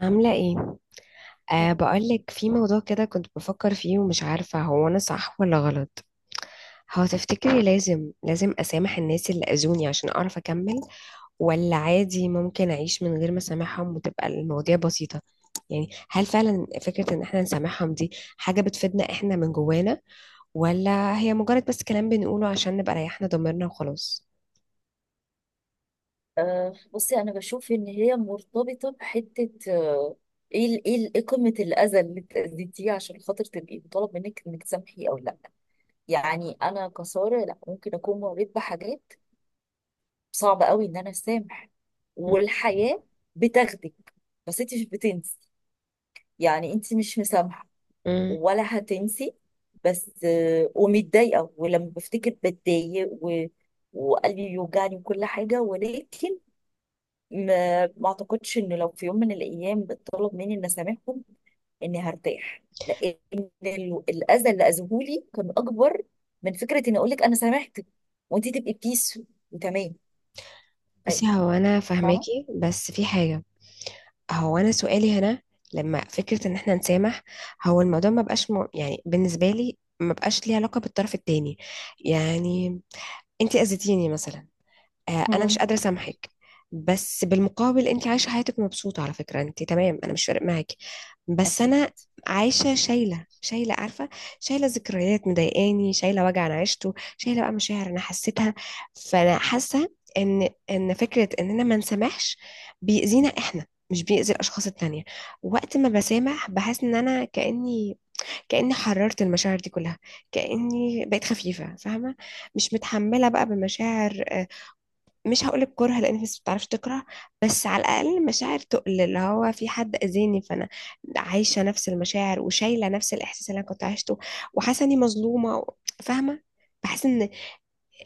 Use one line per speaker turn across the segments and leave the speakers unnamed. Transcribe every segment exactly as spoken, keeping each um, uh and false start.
عاملة ايه؟ أه بقولك في موضوع كده كنت بفكر فيه، ومش عارفة هو أنا صح ولا غلط. هو تفتكري لازم لازم أسامح الناس اللي أذوني عشان أعرف أكمل، ولا عادي ممكن أعيش من غير ما أسامحهم وتبقى المواضيع بسيطة؟ يعني هل فعلا فكرة إن احنا نسامحهم دي حاجة بتفيدنا احنا من جوانا، ولا هي مجرد بس كلام بنقوله عشان نبقى ريحنا ضميرنا وخلاص؟
آه، بصي، انا بشوف ان هي مرتبطه بحته آه، ايه ال- ايه ال- إيه قمه الاذى اللي انت اذيتيه عشان خاطر تبقي مطالب منك انك تسامحي او لا؟ يعني انا كساره، لا، ممكن اكون مريت بحاجات صعبه قوي ان انا اسامح،
مم.
والحياه بتاخدك، بس انت مش بتنسي، يعني انت مش مسامحه
مم.
ولا هتنسي، بس آه، ومتضايقه، ولما بفتكر بتضايق، و... وقلبي بيوجعني وكل حاجه، ولكن ما ما اعتقدش ان لو في يوم من الايام اتطلب مني ان اسامحهم اني هرتاح، لان ال- الاذى اللي اذوهولي كان اكبر من فكره اني اقول لك انا سامحتك وانت تبقي بيس وتمام. أي،
بصي، هو أنا
فاهمه.
فاهماكي بس في حاجة. هو انا سؤالي هنا، لما فكره ان احنا نسامح، هو الموضوع ما بقاش م... يعني بالنسبه لي ما بقاش ليه علاقه بالطرف التاني. يعني انت اذيتيني مثلا، آه، انا مش
مم.
قادره اسامحك. بس بالمقابل انت عايشه حياتك مبسوطه، على فكره انت تمام، انا مش فارق معاكي. بس
أكيد.
انا عايشه شايله، شايله عارفه، شايله ذكريات مضايقاني، شايله وجع انا عشته، شايله بقى مشاعر انا حسيتها. فانا حاسه ان ان فكره اننا ما نسامحش بيأذينا احنا، مش بيأذي الاشخاص التانية. وقت ما بسامح بحس ان انا كأني كأني حررت المشاعر دي كلها، كأني بقيت خفيفة فاهمة، مش متحملة بقى بمشاعر، آه، مش هقولك كره لان في ناس بتعرفش تكره، بس على الاقل مشاعر تقل اللي هو في حد اذاني، فانا عايشه نفس المشاعر وشايله نفس الاحساس اللي انا كنت عايشته، وحاسه اني مظلومه و- فاهمه. بحس ان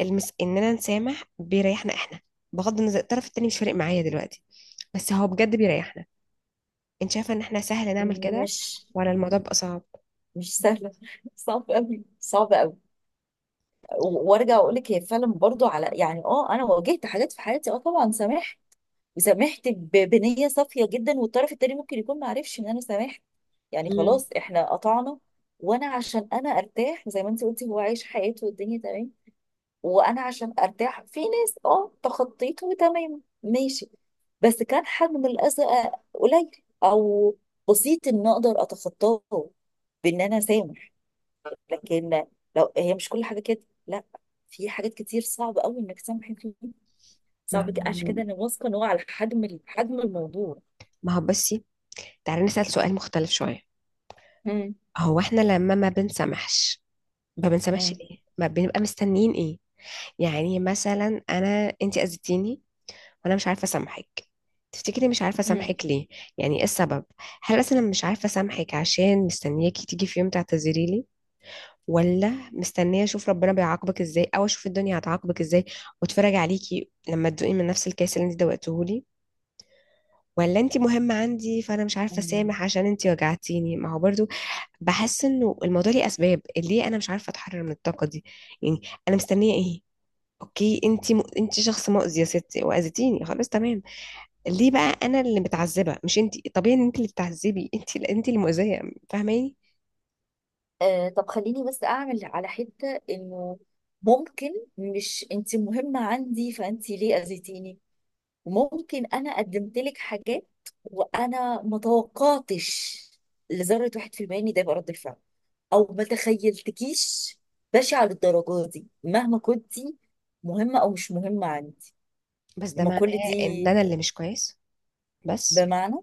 المس... اننا نسامح بيريحنا احنا، بغض النظر الطرف التاني مش فارق معايا دلوقتي، بس هو بجد بيريحنا. انت شايفه ان احنا سهل نعمل كده،
مش
ولا الموضوع بقى صعب؟
مش سهله، صعب قوي صعب قوي. وارجع اقول لك، هي فعلا برضو على، يعني، اه انا واجهت حاجات في حياتي، اه طبعا سامحت، وسامحت ب- بنية صافية جدا، والطرف التاني ممكن يكون ما عرفش ان انا سامحت، يعني
مم.
خلاص احنا قطعنا. وانا عشان انا ارتاح، زي ما انت قلتي، هو عايش حياته والدنيا تمام، وانا عشان ارتاح، في ناس اه تخطيته وتمام، ماشي، بس كان حجم الاذى قليل او بسيط ان اقدر اتخطاه بان انا سامح. لكن لو هي مش كل حاجه كده، لا، في حاجات كتير صعب قوي انك تسامحي فيها.
ما
صعب ج- عشان
هو
كده انا واثقه ان هو على حجم ال- حجم الموضوع.
ما هو بصي، تعالي نسأل سؤال مختلف شويه.
مم.
هو احنا لما ما بنسامحش، ما بنسامحش
مم.
ليه؟ ما بنبقى مستنيين ايه؟ يعني مثلا انا، انت اذيتيني وانا مش عارفه اسامحك. تفتكري مش عارفه
مم.
اسامحك ليه؟ يعني ايه السبب؟ هل اصلا أنا مش عارفه اسامحك عشان مستنياكي تيجي في يوم تعتذري لي، ولا مستنيه اشوف ربنا بيعاقبك ازاي، او اشوف الدنيا هتعاقبك ازاي واتفرج عليكي لما تدوقي من نفس الكاس اللي انت دوقته لي، ولا انت مهمه عندي فانا مش عارفه
مم.
اسامح عشان انت وجعتيني؟ ما هو برضو بحس انه الموضوع ليه اسباب، ليه انا مش عارفه اتحرر من الطاقه دي. يعني انا مستنيه ايه؟ اوكي انت م... انت شخص مؤذي يا ستي واذيتيني، خلاص تمام، ليه بقى انا اللي متعذبه مش انت؟ طبيعي ان انت اللي بتعذبي، انت انت اللي مؤذيه. فاهماني؟
آه، طب خليني بس اعمل على حته انه ممكن، مش انت مهمه عندي فانت ليه اذيتيني، ممكن انا قدمت لك حاجات وانا ما توقعتش لذره واحد في المية ان ده يبقى رد الفعل، او ما تخيلتكيش بشعه للدرجه دي، مهما كنتي مهمه او مش مهمه عندي،
بس ده
ما
معناه
كل
ان
دي
انا اللي مش كويس؟ بس
بمعنى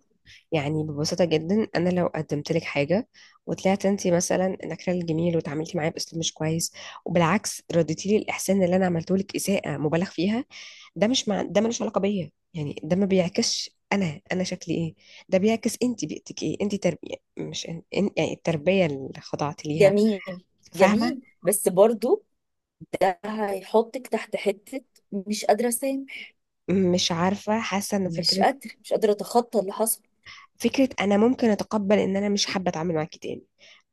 يعني ببساطة جدا، أنا لو قدمت لك حاجة وطلعت أنت مثلا نكرة الجميل وتعاملتي معايا بأسلوب مش كويس، وبالعكس رديتي لي الإحسان اللي أنا عملته لك إساءة مبالغ فيها، ده مش مع... ده ملوش علاقة بيا، يعني ده ما بيعكسش أنا أنا شكلي إيه، ده بيعكس أنت بيئتك إيه، أنت تربية مش إن... إن- يعني التربية اللي خضعت ليها.
جميل،
فاهمة؟
جميل، بس برضو هيحطك تحت حتة مش قادرة أسامح،
مش عارفة، حاسة إن
مش
فكرة،
قادرة مش قادرة أتخطى اللي حصل.
فكرة أنا ممكن أتقبل إن أنا مش حابة أتعامل معاكي تاني،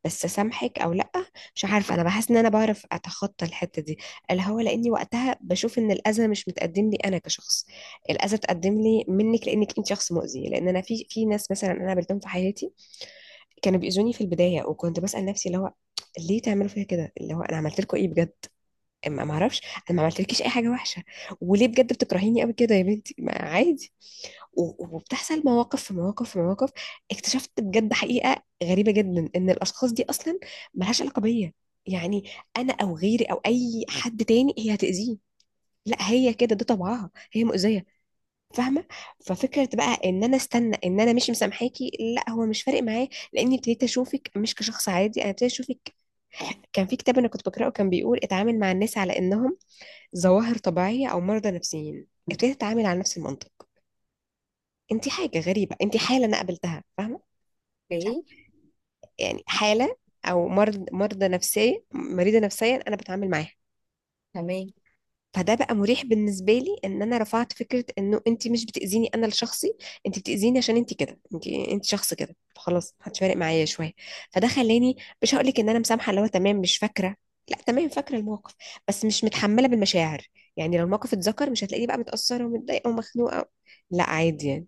بس سامحك او لا، مش عارفه. انا بحس ان انا بعرف اتخطى الحته دي، اللي هو لاني وقتها بشوف ان الاذى مش متقدم لي انا كشخص. الاذى اتقدم لي منك لانك انت شخص مؤذي، لان انا في في ناس مثلا انا قابلتهم في حياتي كانوا بيؤذوني في البدايه، وكنت بسال نفسي اللي هو ليه تعملوا فيا كده، اللي هو انا عملت لكم ايه بجد؟ ما ما اعرفش، انا ما عملتلكيش اي حاجه وحشه، وليه بجد بتكرهيني قوي كده يا بنتي، ما عادي. و- وبتحصل مواقف في مواقف في مواقف، اكتشفت بجد حقيقة غريبة جدا، ان الاشخاص دي اصلا ملهاش علاقة بيا. يعني انا او غيري او اي حد تاني هي هتأذيه، لا هي كده، ده طبعها، هي مؤذية. فاهمة؟ ففكرة بقى ان انا استنى ان انا مش مسامحاكي، لا هو مش فارق معايا، لاني ابتديت اشوفك مش كشخص عادي، انا ابتديت اشوفك. كان في كتاب انا كنت بقراه كان بيقول اتعامل مع الناس على انهم ظواهر طبيعية او مرضى نفسيين، ابتديت اتعامل على نفس المنطق. انت حاجه غريبه، انت حاله انا قابلتها. فاهمه؟ مش عارفة.
اوكي.
يعني حاله او مرض، مرضى نفسيه، مريضه نفسيا انا بتعامل معاها.
تمام.
فده بقى مريح بالنسبه لي، ان انا رفعت فكره انه انت مش بتاذيني انا لشخصي، انت بتاذيني عشان انت كده، انت انت شخص كده، خلاص محدش فارق معايا شويه. فده خلاني مش هقول لك ان انا مسامحه اللي هو تمام مش فاكره، لا تمام فاكره الموقف، بس مش متحمله بالمشاعر. يعني لو الموقف اتذكر مش هتلاقيني بقى متاثره ومتضايقه ومخنوقه، لا عادي.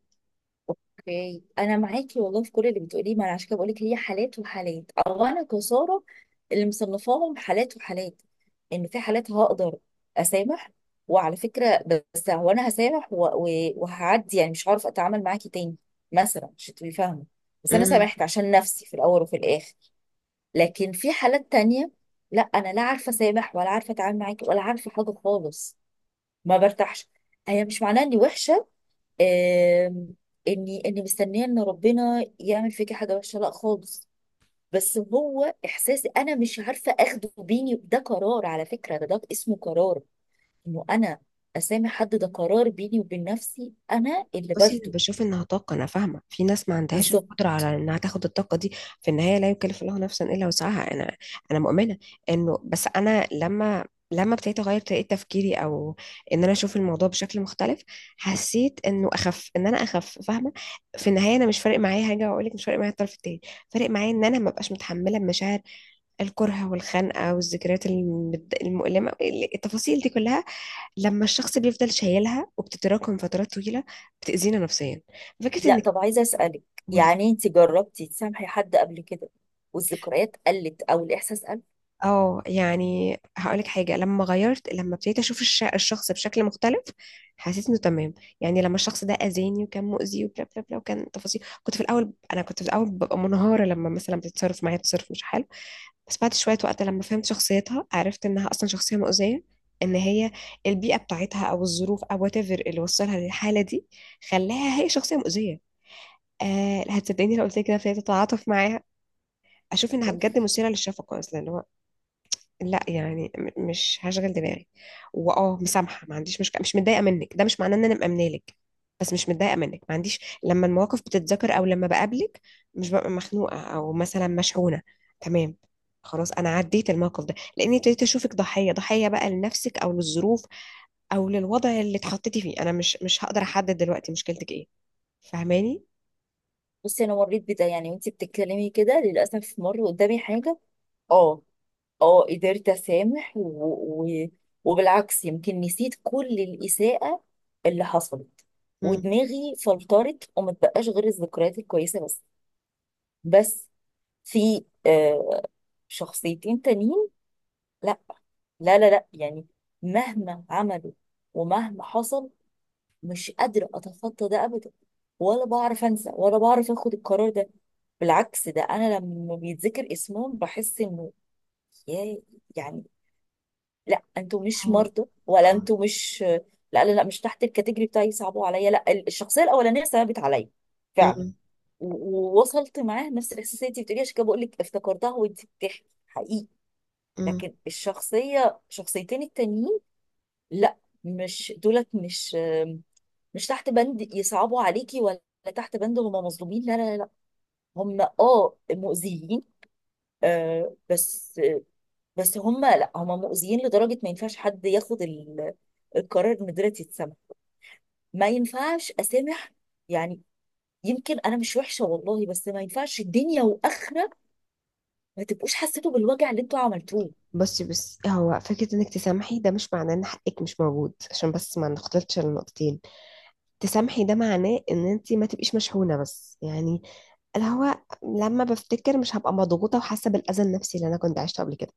اوكي، أنا معاكي والله في كل اللي بتقوليه، ما أنا عشان كده بقولك هي حالات وحالات، أو أنا كسارة اللي مصنفاهم حالات وحالات، إن في حالات هقدر أسامح وعلى فكرة، بس هو أنا هسامح و... و... وهعدي، يعني مش هعرف أتعامل معاكي تاني مثلا، مش هتبقي فاهمة، بس أنا
يعني
سامحت عشان نفسي في الأول وفي الآخر. لكن في حالات تانية، لا، انا لا عارفه اسامح ولا عارفه اتعامل معاكي ولا عارفه حاجه خالص، ما برتاحش. هي مش معناها اني وحشه، آم، اني اني مستنيه ان ربنا يعمل فيكي حاجه وحشه، لا خالص، بس هو احساسي انا مش عارفه اخده. بيني ده قرار، على فكره، ده, ده اسمه قرار انه انا اسامح حد، ده قرار بيني وبين نفسي انا اللي
بصي، انا
باخده.
بشوف انها طاقه، انا فاهمه في ناس ما عندهاش
بالظبط.
القدره على انها تاخد الطاقه دي. في النهايه لا يكلف الله نفسا الا وسعها. انا انا مؤمنه انه بس انا لما لما ابتديت اغير طريقه تفكيري، او ان انا اشوف الموضوع بشكل مختلف، حسيت انه اخف، ان انا اخف فاهمه. في النهايه انا مش فارق معايا حاجه، واقول لك مش فارق معايا الطرف التاني، فارق معايا ان انا ما بقاش متحمله مشاعر الكره والخنقه والذكريات المد- المؤلمه، التفاصيل دي كلها، لما الشخص بيفضل شايلها وبتتراكم فترات طويلة، بتأذينا نفسيا. فكرة انك
لا، طب عايزه اسالك،
تقولي.
يعني انت جربتي تسامحي حد قبل كده والذكريات قلت او الاحساس؟
اه يعني هقولك حاجة، لما غيرت، لما ابتديت اشوف الش- الشخص بشكل مختلف، حسيت انه تمام. يعني لما الشخص ده اذاني وكان مؤذي وبلا بلا بلا، وكان تفاصيل، كنت في الاول، انا كنت في الاول ببقى منهارة لما مثلا بتتصرف معايا تصرف مش حلو. بس بعد شوية وقت لما فهمت شخصيتها عرفت انها اصلا شخصية مؤذية. ان هي البيئة بتاعتها او الظروف او whatever اللي وصلها للحالة دي، خلاها هي شخصية مؤذية. آه، هتصدقيني لو قلت لك كده ابتديت اتعاطف معاها، اشوف انها
اوف.
بجد مثيره للشفقه اصلا، اللي هو لا يعني م- مش هشغل دماغي. واه مسامحه ما عنديش مشكله، مش متضايقه منك. ده مش معناه ان انا مأمنه لك، بس مش متضايقه منك، ما عنديش، لما المواقف بتتذكر او لما بقابلك مش ببقى مخنوقه او مثلا مشحونه. تمام، خلاص انا عديت الموقف ده، لاني ابتديت اشوفك ضحيه، ضحيه بقى لنفسك او للظروف او للوضع اللي اتحطيتي فيه، انا مش مش هقدر احدد دلوقتي مشكلتك ايه. فاهماني؟
بصي، انا مريت بده، يعني وانتي بتتكلمي كده للاسف مر قدامي حاجه. اه، اه، قدرت اسامح و... و... وبالعكس، يمكن نسيت كل الاساءه اللي حصلت،
مم.
ودماغي فلترت وما بقاش غير الذكريات الكويسه بس بس في آه شخصيتين تانيين، لا، لا لا لا، يعني، مهما عملوا ومهما حصل مش قادرة أتخطى ده أبدا، ولا بعرف أنسى، ولا بعرف أخد القرار ده. بالعكس، ده أنا لما بيتذكر اسمهم بحس إنه، يا، يعني، لا، أنتوا مش
هو
مرضى، ولا أنتوا مش، لا لا لا، مش تحت الكاتيجوري بتاعي، صعبوا عليا، لا الشخصية الأولانية صعبت عليا فعلا،
اه
و- ووصلت معاه نفس الإحساس اللي أنت بتقولي، عشان كده بقول لك افتكرتها وأنت بتحكي حقيقي.
مم.
لكن الشخصية، شخصيتين التانيين، لا، مش دولت، مش مش تحت بند يصعبوا عليكي، ولا تحت بند هم مظلومين، لا لا لا، هم اه مؤذيين، آه بس بس هم، لا، هم مؤذيين لدرجة ما ينفعش حد ياخد ال- القرار ان دلوقتي يتسمع، ما ينفعش اسامح، يعني، يمكن انا مش وحشة والله، بس ما ينفعش الدنيا واخرة ما تبقوش حسيتوا بالوجع اللي انتوا عملتوه.
بصي، بس هو فكرة انك تسامحي، ده مش معناه ان حقك مش موجود، عشان بس ما نختلطش النقطتين. تسامحي ده معناه ان انت ما تبقيش مشحونة، بس يعني اللي هو لما بفتكر مش هبقى مضغوطة وحاسة بالاذى النفسي اللي انا كنت عشته قبل كده.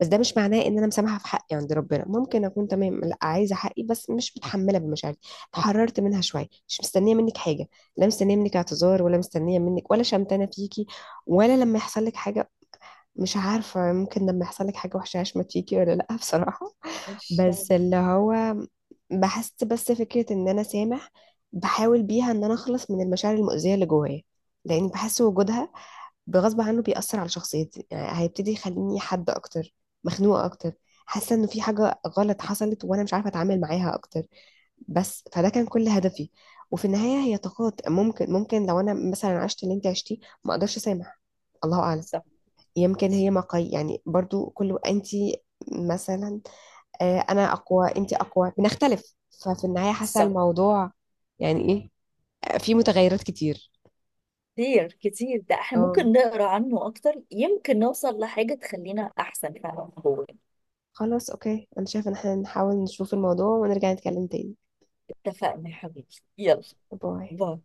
بس ده مش معناه ان انا مسامحة، في حقي عند ربنا ممكن اكون تمام، لا عايزة حقي، بس مش متحملة بمشاعري، اتحررت منها شوية. مش مستنية منك حاجة، لا مستنية منك اعتذار، ولا مستنية منك، ولا شمتانة فيكي، ولا لما يحصل لك حاجة. مش عارفة، ممكن لما يحصل لك حاجة وحشة عشان ما تيجي ولا لأ، بصراحة.
مش صح.
بس اللي هو بحس بس فكرة إن أنا سامح، بحاول بيها إن أنا أخلص من المشاعر المؤذية اللي جوايا، لأن بحس وجودها بغصب عنه بيأثر على شخصيتي، يعني هيبتدي يخليني حد أكتر مخنوقة أكتر، حاسة إنه في حاجة غلط حصلت وأنا مش عارفة أتعامل معاها أكتر. بس فده كان كل هدفي. وفي النهاية هي طاقات، ممكن ممكن لو أنا مثلا عشت اللي أنت عشتيه ما أقدرش أسامح، الله أعلم.
صح.
يمكن هي مقاي يعني برضو كله انت، مثلا آه، انا اقوى، انت اقوى، بنختلف. ففي النهاية حاسة
صح.
الموضوع يعني ايه. آه، في متغيرات كتير.
كتير كتير، ده احنا
اه
ممكن نقرا عنه اكتر، يمكن نوصل لحاجة تخلينا احسن فعلا.
خلاص اوكي، انا شايفة ان احنا نحاول نشوف الموضوع ونرجع نتكلم تاني.
اتفقنا يا حبيبي. يلا.
باي.
باي.